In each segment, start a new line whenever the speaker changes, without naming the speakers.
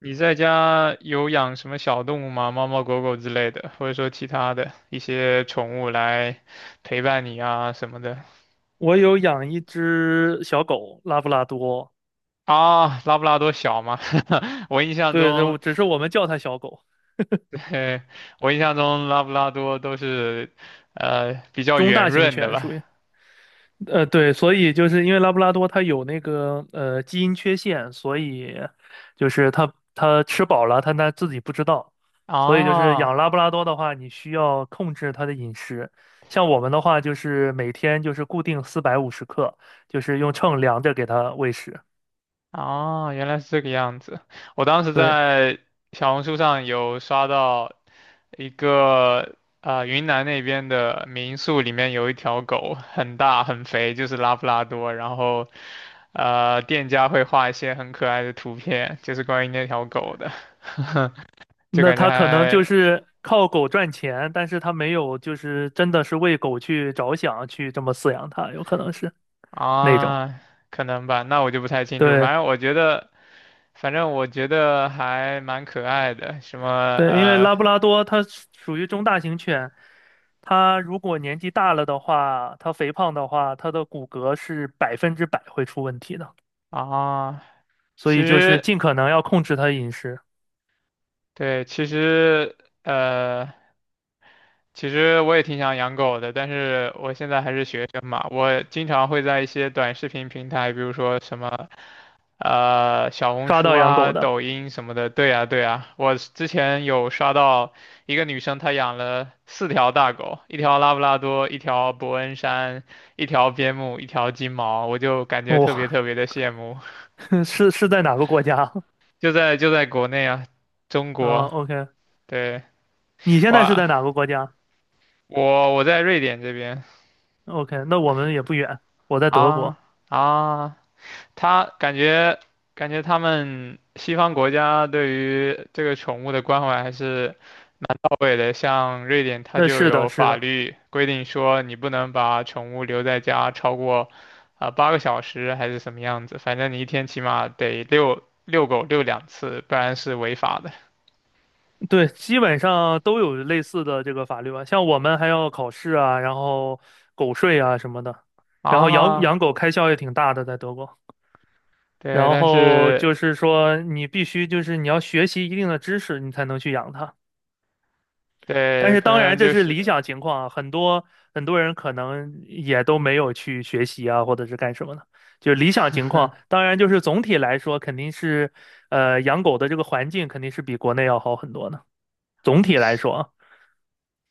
你在家有养什么小动物吗？猫猫狗狗之类的，或者说其他的一些宠物来陪伴你啊什么的。
我有养一只小狗，拉布拉多。
啊？拉布拉多小吗？我印象
对，
中，
对，只是我们叫它小狗，
嘿，我印象中拉布拉多都是，比较
中
圆
大型
润的
犬属
吧？
于。对，所以就是因为拉布拉多它有那个基因缺陷，所以就是它吃饱了，它自己不知道。所以就是养
啊，
拉布拉多的话，你需要控制它的饮食，像我们的话就是每天就是固定450克，就是用秤量着给它喂食。
哦，原来是这个样子。我当时
对。
在小红书上有刷到一个云南那边的民宿里面有一条狗，很大很肥，就是拉布拉多。然后店家会画一些很可爱的图片，就是关于那条狗的。就
那
感觉
他可能就
还。
是靠狗赚钱，但是他没有就是真的是为狗去着想，去这么饲养它，有可能是那种。
啊，可能吧，那我就不太清楚。
对
反正我觉得，反正我觉得还蛮可爱的，什么
对，因为
呃。
拉布拉多它是属于中大型犬，它如果年纪大了的话，它肥胖的话，它的骨骼是百分之百会出问题的，
啊，
所
其
以就是
实，
尽可能要控制它的饮食。
对，呃，其实我也挺想养狗的，但是我现在还是学生嘛，我经常会在一些短视频平台，比如说什么，小红
抓
书
到养
啊、
狗的。
抖音什么的。对呀，对呀，我之前有刷到一个女生，她养了四条大狗，一条拉布拉多，一条伯恩山，一条边牧，一条金毛，我就感觉特别
哇、
特别的羡慕。
是在哪个国家？
就在国内啊，中
嗯
国，
，OK。
对，
你现在是
哇。
在哪个国家？
我在瑞典这边。
OK，那我们也不远，我在德
啊，
国。
啊，他感觉他们西方国家对于这个宠物的关怀还是到位的，像瑞典它
那
就
是的，
有
是
法
的。
律规定说你不能把宠物留在家超过八、个小时还是什么样子，反正你一天起码得遛遛狗遛两次，不然是违法的。
对，基本上都有类似的这个法律吧。像我们还要考试啊，然后狗税啊什么的，然后养
啊。
养狗开销也挺大的，在德国。
对，
然
但
后
是
就是说，你必须就是你要学习一定的知识，你才能去养它。但
对，
是
可
当然
能
这
就
是
是
理想情况啊，很多很多人可能也都没有去学习啊，或者是干什么的。就是理想情况，当然就是总体来说肯定是，养狗的这个环境肯定是比国内要好很多的。总体来说啊。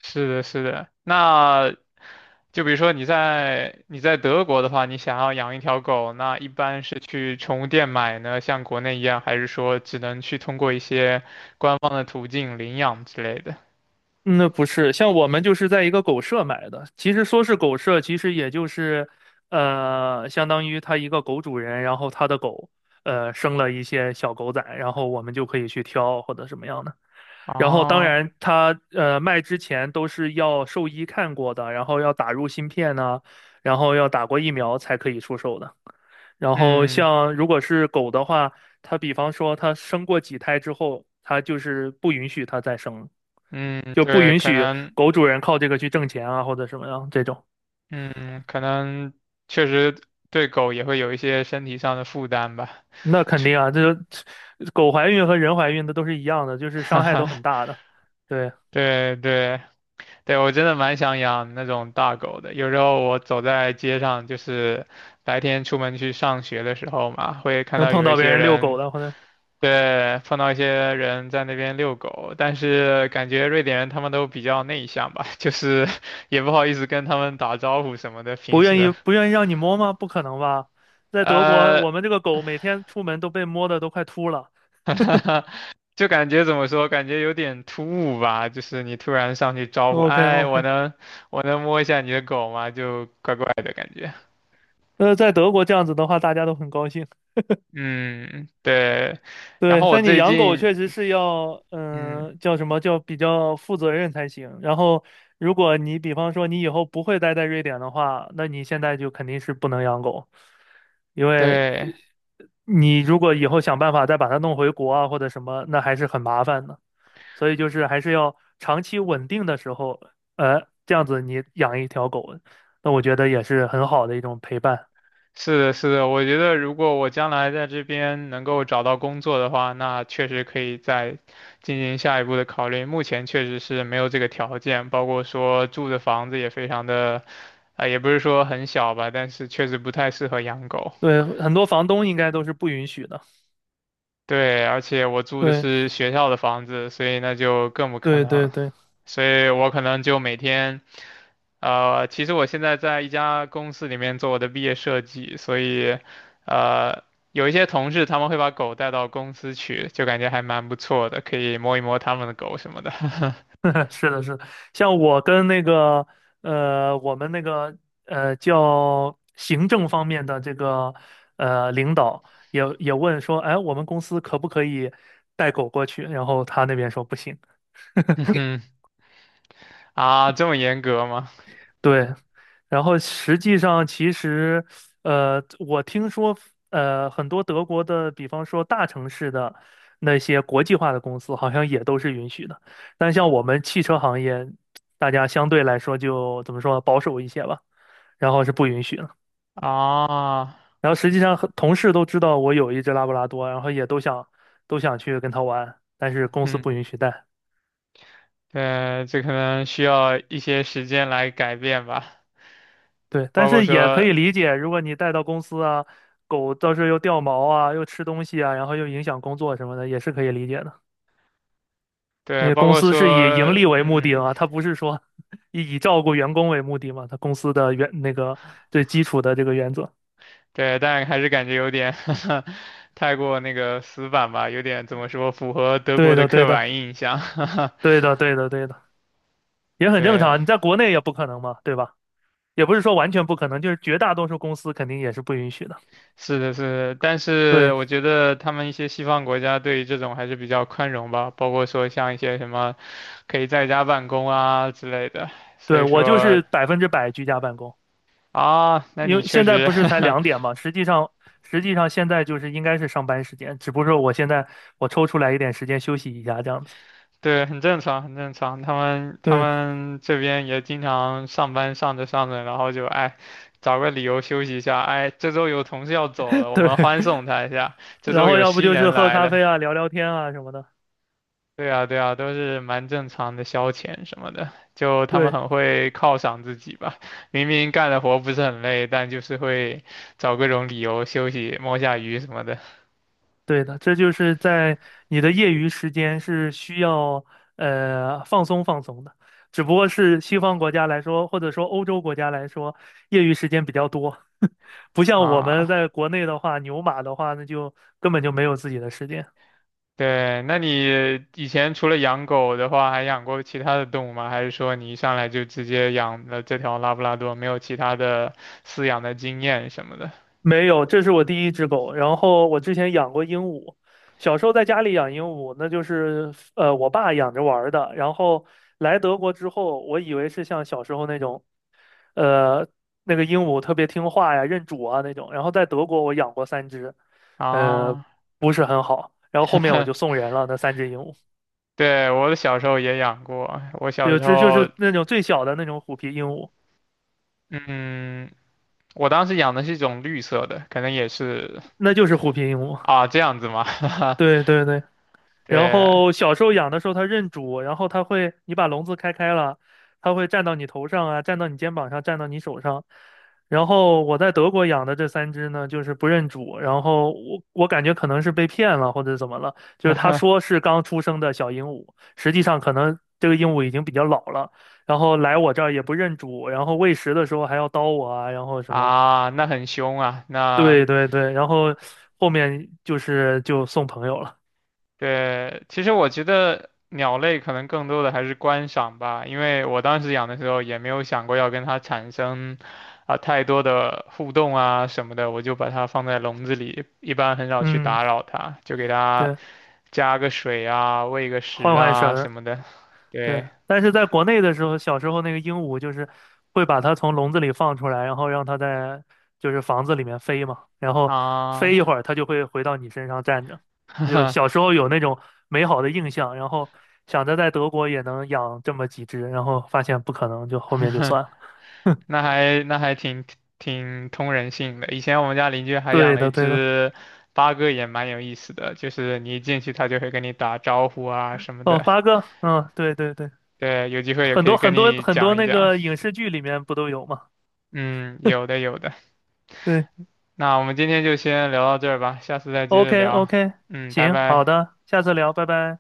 是的，是的。那就比如说你在德国的话，你想要养一条狗，那一般是去宠物店买呢，像国内一样，还是说只能去通过一些官方的途径领养之类的？
嗯那不是像我们就是在一个狗舍买的，其实说是狗舍，其实也就是，相当于他一个狗主人，然后他的狗，生了一些小狗仔，然后我们就可以去挑或者什么样的。然后当
哦，
然它卖之前都是要兽医看过的，然后要打入芯片呐、然后要打过疫苗才可以出售的。然后
嗯
像如果是狗的话，它比方说它生过几胎之后，它就是不允许它再生了，
嗯，
就不
对，
允许狗主人靠这个去挣钱啊或者什么样这种。
可能确实对狗也会有一些身体上的负担吧。
那肯定啊，这狗怀孕和人怀孕的都是一样的，就是
哈
伤害都
哈，
很大的。对，
对对，对，我真的蛮想养那种大狗的。有时候我走在街上，就是白天出门去上学的时候嘛，会看
能
到
碰
有一
到别
些
人遛狗
人，
的，或者。
对，碰到一些人在那边遛狗。但是感觉瑞典人他们都比较内向吧，就是也不好意思跟他们打招呼什么的。平
不愿意
时，
不愿意让你摸吗？不可能吧？在德国，
呃，
我们这个狗每天出门都被摸的都快秃了。
就感觉怎么说，感觉有点突兀吧。就是你突然上去招呼，
OK
哎，我
OK。
能我能摸一下你的狗吗？就怪怪的感觉。
那在德国这样子的话，大家都很高兴。
嗯，对。然
对，
后我
但你
最
养狗
近，
确实是要，
嗯，
叫什么叫比较负责任才行。然后，如果你比方说你以后不会待在瑞典的话，那你现在就肯定是不能养狗，因为
对，
你如果以后想办法再把它弄回国啊或者什么，那还是很麻烦的。所以就是还是要长期稳定的时候，这样子你养一条狗，那我觉得也是很好的一种陪伴。
是的，是的，我觉得如果我将来在这边能够找到工作的话，那确实可以再进行下一步的考虑。目前确实是没有这个条件，包括说住的房子也非常的，啊、也不是说很小吧，但是确实不太适合养狗。
对，很多房东应该都是不允许的。
对，而且我住的
对，
是学校的房子，所以那就更不可
对，对，
能。
对。
所以我可能就每天。其实我现在在一家公司里面做我的毕业设计，所以，呃，有一些同事他们会把狗带到公司去，就感觉还蛮不错的，可以摸一摸他们的狗什么的。
是的，是的。像我跟那个，我们那个，叫行政方面的这个，领导也问说，哎，我们公司可不可以带狗过去？然后他那边说不行。
嗯哼。啊，这么严格吗？
对，然后实际上其实，我听说，很多德国的，比方说大城市的那些国际化的公司，好像也都是允许的。但像我们汽车行业，大家相对来说就怎么说呢保守一些吧，然后是不允许的。
啊，
然后实际上，很同事都知道我有一只拉布拉多，然后也都想去跟它玩，但是公司
嗯，
不允许带。
对，这可能需要一些时间来改变吧，
对，但
包括
是也可
说，
以理解，如果你带到公司啊，狗到时候又掉毛啊，又吃东西啊，然后又影响工作什么的，也是可以理解的。因
对，
为
包
公
括
司是以盈
说，
利为目的
嗯。
啊，它不是说 以照顾员工为目的嘛，它公司的原那个最基础的这个原则。
对，但还是感觉有点 太过那个死板吧，有点怎么说，符合德国
对
的
的，对
刻
的，
板印象。
对的，对的，对的。也很正
对，
常。你在国内也不可能嘛，对吧？也不是说完全不可能，就是绝大多数公司肯定也是不允许的。
是的，是的，但是
对，
我觉得他们一些西方国家对于这种还是比较宽容吧，包括说像一些什么可以在家办公啊之类的。所
对，
以
我就
说
是百分之百居家办公。
啊，那
因
你
为
确
现在
实
不是才两 点嘛，实际上现在就是应该是上班时间，只不过我现在我抽出来一点时间休息一下这样子。
对，很正常，很正常。他们他
对
们这边也经常上班上着上着，然后就哎，找个理由休息一下。哎，这周有同事要走了，我
对。
们欢送他一下。这
然
周
后
有
要不
新
就是
人
喝
来
咖
了，
啡啊、聊聊天啊什么的。
对啊对啊，都是蛮正常的消遣什么的。就他们
对，
很会犒赏自己吧，明明干的活不是很累，但就是会找各种理由休息，摸下鱼什么的
对的，这就是在你的业余时间是需要放松放松的，只不过是西方国家来说，或者说欧洲国家来说，业余时间比较多。不像我们
啊。
在国内的话，牛马的话，那就根本就没有自己的时间。
对，那你以前除了养狗的话，还养过其他的动物吗？还是说你一上来就直接养了这条拉布拉多，没有其他的饲养的经验什么的？
没有，这是我第一只狗。然后我之前养过鹦鹉，小时候在家里养鹦鹉，那就是我爸养着玩儿的。然后来德国之后，我以为是像小时候那种呃那个鹦鹉特别听话呀、认主啊那种。然后在德国我养过三只，呃
啊，
不是很好。然后后面我就 送人了那三只鹦鹉。
对，我小时候也养过，我小
对，
时
这就
候，
是那种最小的那种虎皮鹦鹉。
嗯，我当时养的是一种绿色的，可能也是
那就是虎皮鹦鹉。
啊，这样子吗？
对对对。然
对。
后小时候养的时候它认主，然后它会，你把笼子开开了，它会站到你头上啊，站到你肩膀上，站到你手上。然后我在德国养的这三只呢，就是不认主，然后我感觉可能是被骗了或者怎么了，就是他说是刚出生的小鹦鹉，实际上可能这个鹦鹉已经比较老了，然后来我这儿也不认主，然后喂食的时候还要叨我啊，然后什么。
啊，那很凶啊，那。
对对对，然后后面就是就送朋友了。
对，其实我觉得鸟类可能更多的还是观赏吧，因为我当时养的时候也没有想过要跟它产生啊、太多的互动啊什么的，我就把它放在笼子里，一般很少去
嗯，
打扰它，就给它
对，
加个水啊、喂个食
换换绳
啊
儿。
什么的。
对，
对
但是在国内的时候，小时候那个鹦鹉就是会把它从笼子里放出来，然后让它在就是房子里面飞嘛，然后飞
啊，
一会儿，它就会回到你身上站着。
哈
就
哈。
小时候有那种美好的印象，然后想着在德国也能养这么几只，然后发现不可能，就后面就算了。
那还挺通人性的。以前我们家邻居还养
对
了一
的，对的。
只八哥，也蛮有意思的，就是你一进去，它就会跟你打招呼啊什么
哦，
的。
八哥，嗯，对对对。
对，有机会也
很
可
多
以跟
很多
你
很多
讲一
那
讲。
个影视剧里面不都有嘛？
嗯，有的有的。
对
那我们今天就先聊到这儿吧，下次再接
，OK
着聊。
OK，
嗯，拜
行，好
拜。
的，下次聊，拜拜。